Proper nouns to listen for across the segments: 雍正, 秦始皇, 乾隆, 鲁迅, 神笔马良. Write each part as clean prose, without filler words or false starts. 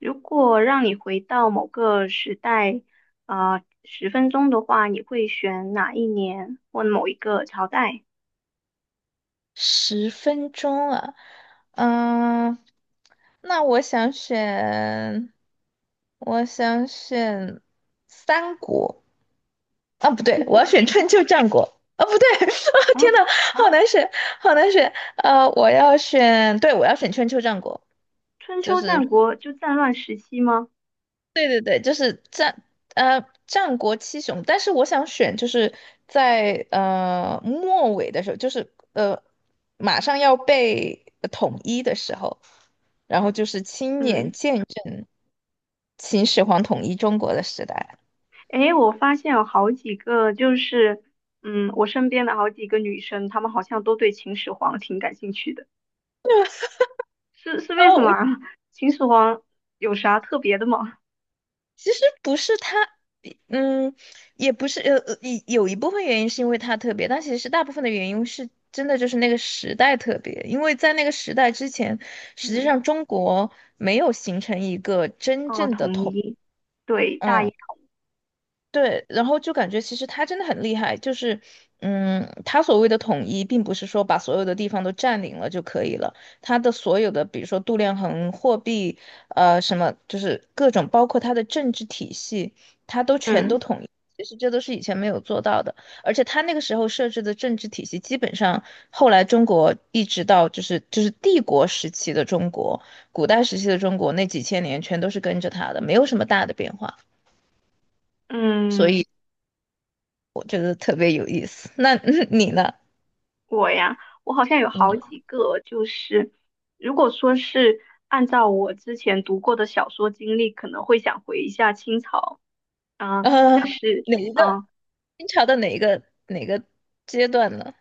如果让你回到某个时代，十分钟的话，你会选哪一年或某一个朝代？十分钟啊。嗯，那我想选三国。啊，不对，战我要国选时春秋战国。啊，不对，啊，啊，天呐，好难选，好难选。我要选，对，我要选春秋战国。春就秋是战国就战乱时期吗？对对对，就是战国七雄。但是我想选就是在末尾的时候，就是马上要被统一的时候，然后就是亲嗯，眼见证秦始皇统一中国的时代。诶，我发现有好几个，我身边的好几个女生，她们好像都对秦始皇挺感兴趣的，是为什哦，么啊？秦始皇有啥特别的吗？其实不是他。嗯，也不是有一部分原因是因为他特别，但其实大部分的原因是真的就是那个时代特别。因为在那个时代之前，实际嗯，上中国没有形成一个真哦，正的统统，一，对，大一，嗯，对，然后就感觉其实他真的很厉害。就是他所谓的统一，并不是说把所有的地方都占领了就可以了。他的所有的比如说度量衡、货币，什么就是各种，包括他的政治体系。嗯其实这都是以前没有做到的。而且他那个时候设置的政治体系，基本上后来中国一直到就是帝国时期的中国，古代时期的中国那几千年全都是跟着他的，没有什么大的变化。所嗯。以我觉得特别有意思。那 你呢？我呀，我好像有好嗯，几个，就是如果说是按照我之前读过的小说经历，可能会想回一下清朝啊，呃，但是哪一个啊，清朝的哪个阶段呢？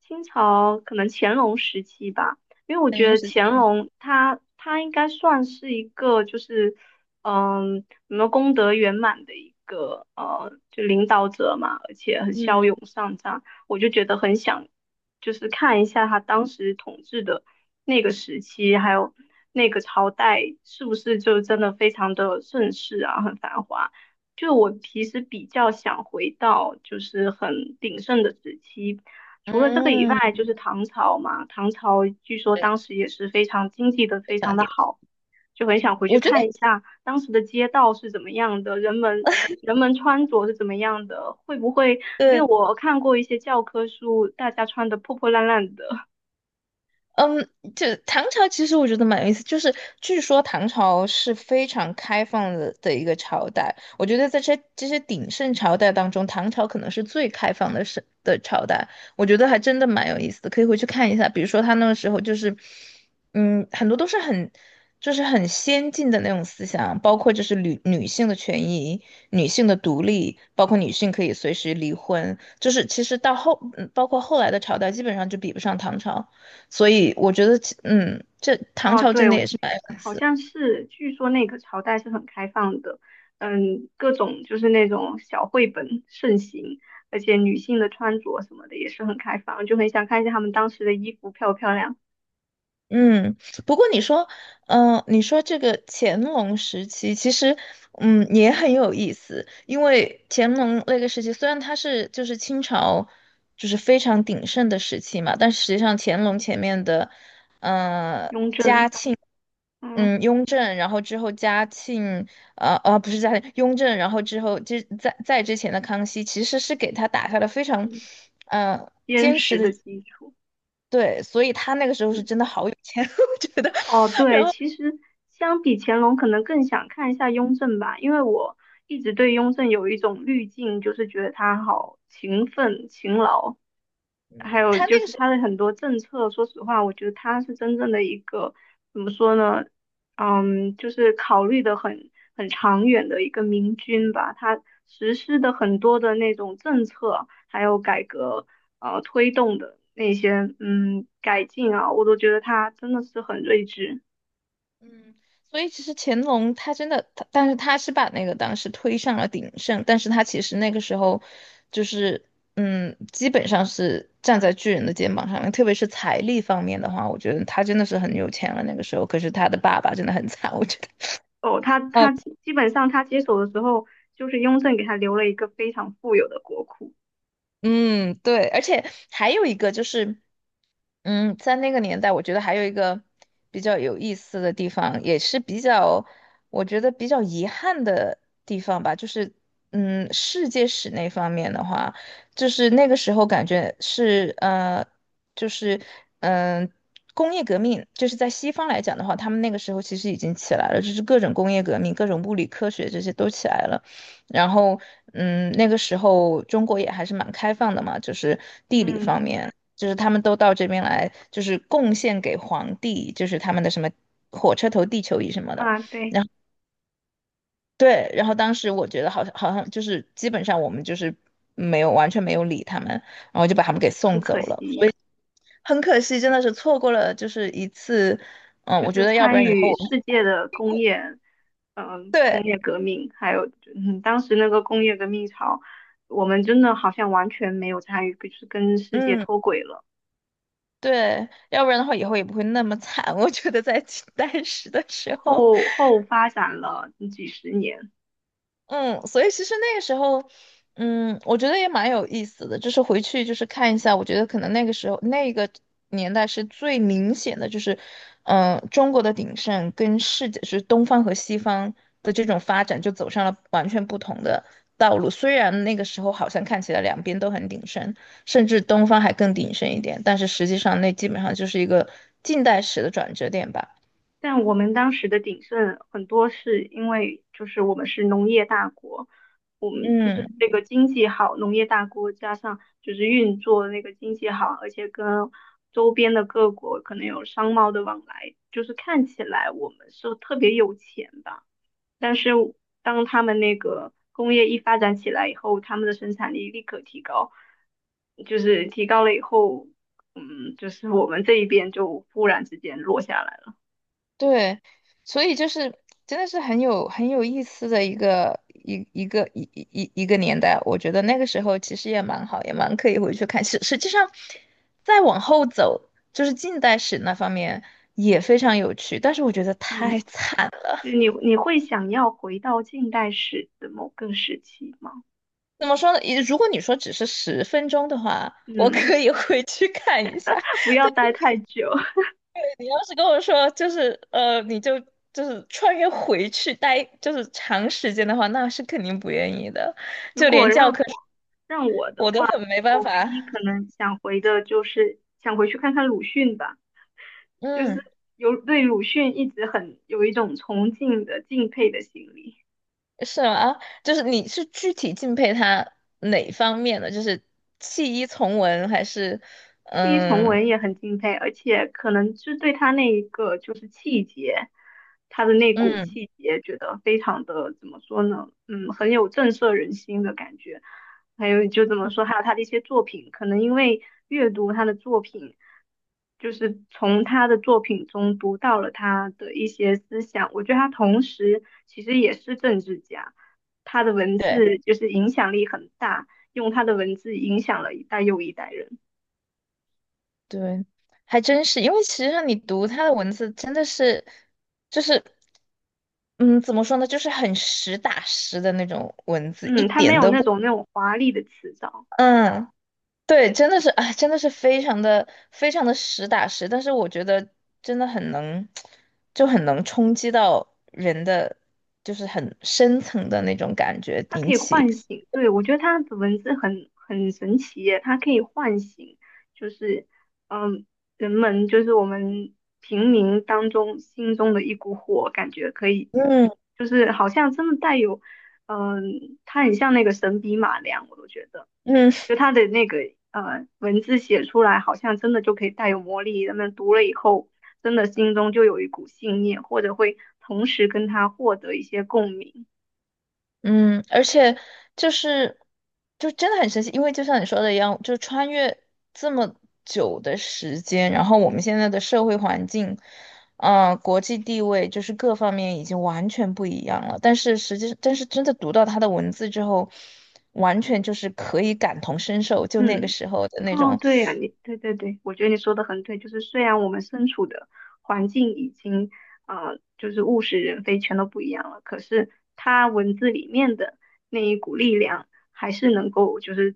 清朝可能乾隆时期吧，因为我三觉人得时期，乾嗯隆他应该算是一个就是嗯，什么功德圆满的一个就领导者嘛，而且很骁勇善战，我就觉得很想就是看一下他当时统治的那个时期，还有那个朝代是不是就真的非常的盛世啊，很繁华。就我其实比较想回到就是很鼎盛的时期，除了这个以嗯外，嗯，就是唐朝嘛，唐朝据说对，当时也是非常经济的，非非常常的点，好，就很想回去我觉看得一下当时的街道是怎么样的，人们穿着是怎么样的，会不会因为对。我看过一些教科书，大家穿的破破烂烂的嗯，就唐朝其实我觉得蛮有意思。就是据说唐朝是非常开放的一个朝代。我觉得在这些鼎盛朝代当中，唐朝可能是最开放的是的朝代。我觉得还真的蛮有意思的，可以回去看一下。比如说他那个时候就是，很多都是很就是很先进的那种思想，包括就是女性的权益、女性的独立，包括女性可以随时离婚。就是其实到后，包括后来的朝代基本上就比不上唐朝。所以我觉得，这唐啊，朝对，真的我也是白有意好思。像是，据说那个朝代是很开放的，嗯，各种就是那种小绘本盛行。而且女性的穿着什么的也是很开放，就很想看一下她们当时的衣服漂不漂亮。嗯，不过你说，你说这个乾隆时期。其实，也很有意思。因为乾隆那个时期，虽然它是就是清朝，就是非常鼎盛的时期嘛。但实际上乾隆前面的，呃，雍正，嗯，嗯，雍正，然后之后嘉庆，不是嘉庆，雍正，然后之后在之前的康熙，其实是给他打下了非常，嗯呃，坚坚实实的。的基础，对，所以他那个时候是嗯，真的好有钱。我觉得哦，对，其实相比乾隆，可能更想看一下雍正吧，因为我一直对雍正有一种滤镜，就是觉得他好勤奋、勤劳，还有他就那个是是，他的很多政策，说实话，我觉得他是真正的一个怎么说呢？嗯，就是考虑的很长远的一个明君吧。他实施的很多的那种政策，还有改革，推动的那些嗯改进啊，我都觉得他真的是很睿智。嗯，所以其实乾隆他真的，但是他是把那个当时推上了鼎盛。但是他其实那个时候就是，基本上是站在巨人的肩膀上面，特别是财力方面的话，我觉得他真的是很有钱了那个时候。可是他的爸爸真的很惨，我觉得。哦，他啊，他基基本上他接手的时候，就是雍正给他留了一个非常富有的国库。嗯，对，而且还有一个就是，在那个年代，我觉得还有一个比较有意思的地方，也是比较，我觉得比较遗憾的地方吧。就是，世界史那方面的话，就是那个时候感觉是，就是，嗯、工业革命，就是在西方来讲的话，他们那个时候其实已经起来了，就是各种工业革命、各种物理科学这些都起来了。然后，那个时候中国也还是蛮开放的嘛。就是地理嗯方面，就是他们都到这边来，就是贡献给皇帝，就是他们的什么火车头地球仪什么的。啊，对，对，然后当时我觉得好像就是基本上我们就是没有完全没有理他们，然后就把他们给很送可走了。惜。很可惜，真的是错过了就是一次。就我觉是得要不参然以后与我们世界的工业，工对，业革命，还有嗯，当时那个工业革命潮，我们真的好像完全没有参与，就是跟世界嗯。脱轨了，对，要不然的话以后也不会那么惨，我觉得在当时的时候。后发展了几十年。嗯，所以其实那个时候，我觉得也蛮有意思的，就是回去就是看一下。我觉得可能那个时候那个年代是最明显的。就是，中国的鼎盛跟世界就是东方和西方的这种发展就走上了完全不同的道路。虽然那个时候好像看起来两边都很鼎盛，甚至东方还更鼎盛一点，但是实际上那基本上就是一个近代史的转折点吧。但我们当时的鼎盛很多是因为就是我们是农业大国，我们就是嗯。这个经济好，农业大国加上就是运作那个经济好，而且跟周边的各国可能有商贸的往来，就是看起来我们是特别有钱吧。但是当他们那个工业一发展起来以后，他们的生产力立刻提高，就是提高了以后，嗯，就是我们这一边就忽然之间落下来了。对，所以就是真的是很有意思的一个一一个一一一一个年代。我觉得那个时候其实也蛮好，也蛮可以回去看。实际上，再往后走，就是近代史那方面也非常有趣，但是我觉得嗯。太惨了。就你会想要回到近代史的某个时期吗？怎么说呢？如果你说只是十分钟的话，我嗯，可以回去看一下。不要待太久。你要是跟我说就是就是穿越回去待就是长时间的话，那是肯定不愿意的。如就果连教让科书我让我的我都话，很没办我唯法。一可能想回的就是想回去看看鲁迅吧，就是嗯，有对鲁迅一直很有一种崇敬的敬佩的心理。是吗？就是你是具体敬佩他哪方面的？就是弃医从文，还是弃医从嗯文也很敬佩，而且可能是对他那一个就是气节，他的那股嗯，气节，觉得非常的怎么说呢？嗯，很有震慑人心的感觉。还有就怎么说，还有他的一些作品，可能因为阅读他的作品，就是从他的作品中读到了他的一些思想。我觉得他同时其实也是政治家，他的文对字就是影响力很大，用他的文字影响了一代又一代人。对，还真是。因为其实上你读他的文字真的是，就是嗯，怎么说呢，就是很实打实的那种文字，一嗯，它没点有都那不。种那种华丽的词藻，嗯，对，真的是，哎，真的是非常的非常的实打实。但是我觉得真的很能，就很能冲击到人的，就是很深层的那种感觉，它可引以起，唤醒。对，我觉得它的文字很神奇耶，它可以唤醒，就是嗯，人们就是我们平民当中心中的一股火，感觉可以，嗯就是好像真的带有，嗯，它很像那个神笔马良，我都觉得。嗯，就他的那个文字写出来，好像真的就可以带有魔力。人们读了以后，真的心中就有一股信念，或者会同时跟他获得一些共鸣。嗯，而且就是真的很神奇。因为就像你说的一样，就穿越这么久的时间，然后我们现在的社会环境，国际地位就是各方面已经完全不一样了。但是真的读到他的文字之后，完全就是可以感同身受，就那个嗯。时候的那哦，种。对呀，你对对对，我觉得你说的很对，就是虽然我们身处的环境已经就是物是人非，全都不一样了，可是他文字里面的那一股力量，还是能够就是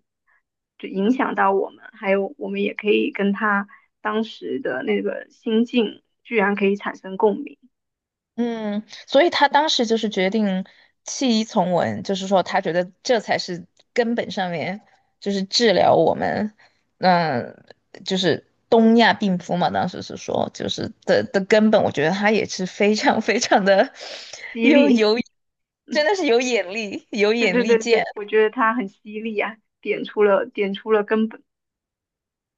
就影响到我们，还有我们也可以跟他当时的那个心境，居然可以产生共鸣，嗯。所以他当时就是决定弃医从文，就是说他觉得这才是根本上面，就是治疗我们，嗯、就是东亚病夫嘛。当时是说，就是的根本，我觉得他也是非常非常的 激有励，有，真嗯，的是有对眼对力对见。对，我觉得他很犀利啊，点出了根本，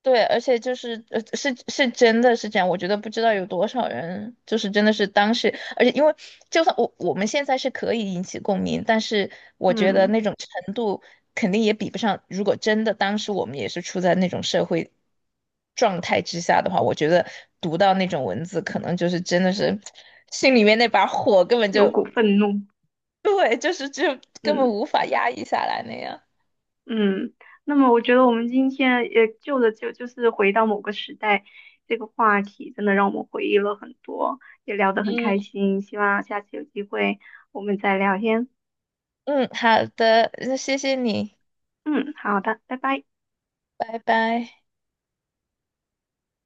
对，而且就是是真的是这样。我觉得不知道有多少人就是真的是当时。而且因为就算我们现在是可以引起共鸣，但是我觉得嗯，那种程度肯定也比不上。如果真的当时我们也是处在那种社会状态之下的话，我觉得读到那种文字，可能就是真的是心里面那把火根本有就股愤怒，对，就是就根本嗯。无法压抑下来那样。嗯，那么我觉得我们今天也就着就是回到某个时代这个话题，真的让我们回忆了很多，也聊得很开嗯。心。希望下次有机会我们再聊天。嗯，好的，那谢谢你，嗯，好的，拜拜。拜拜。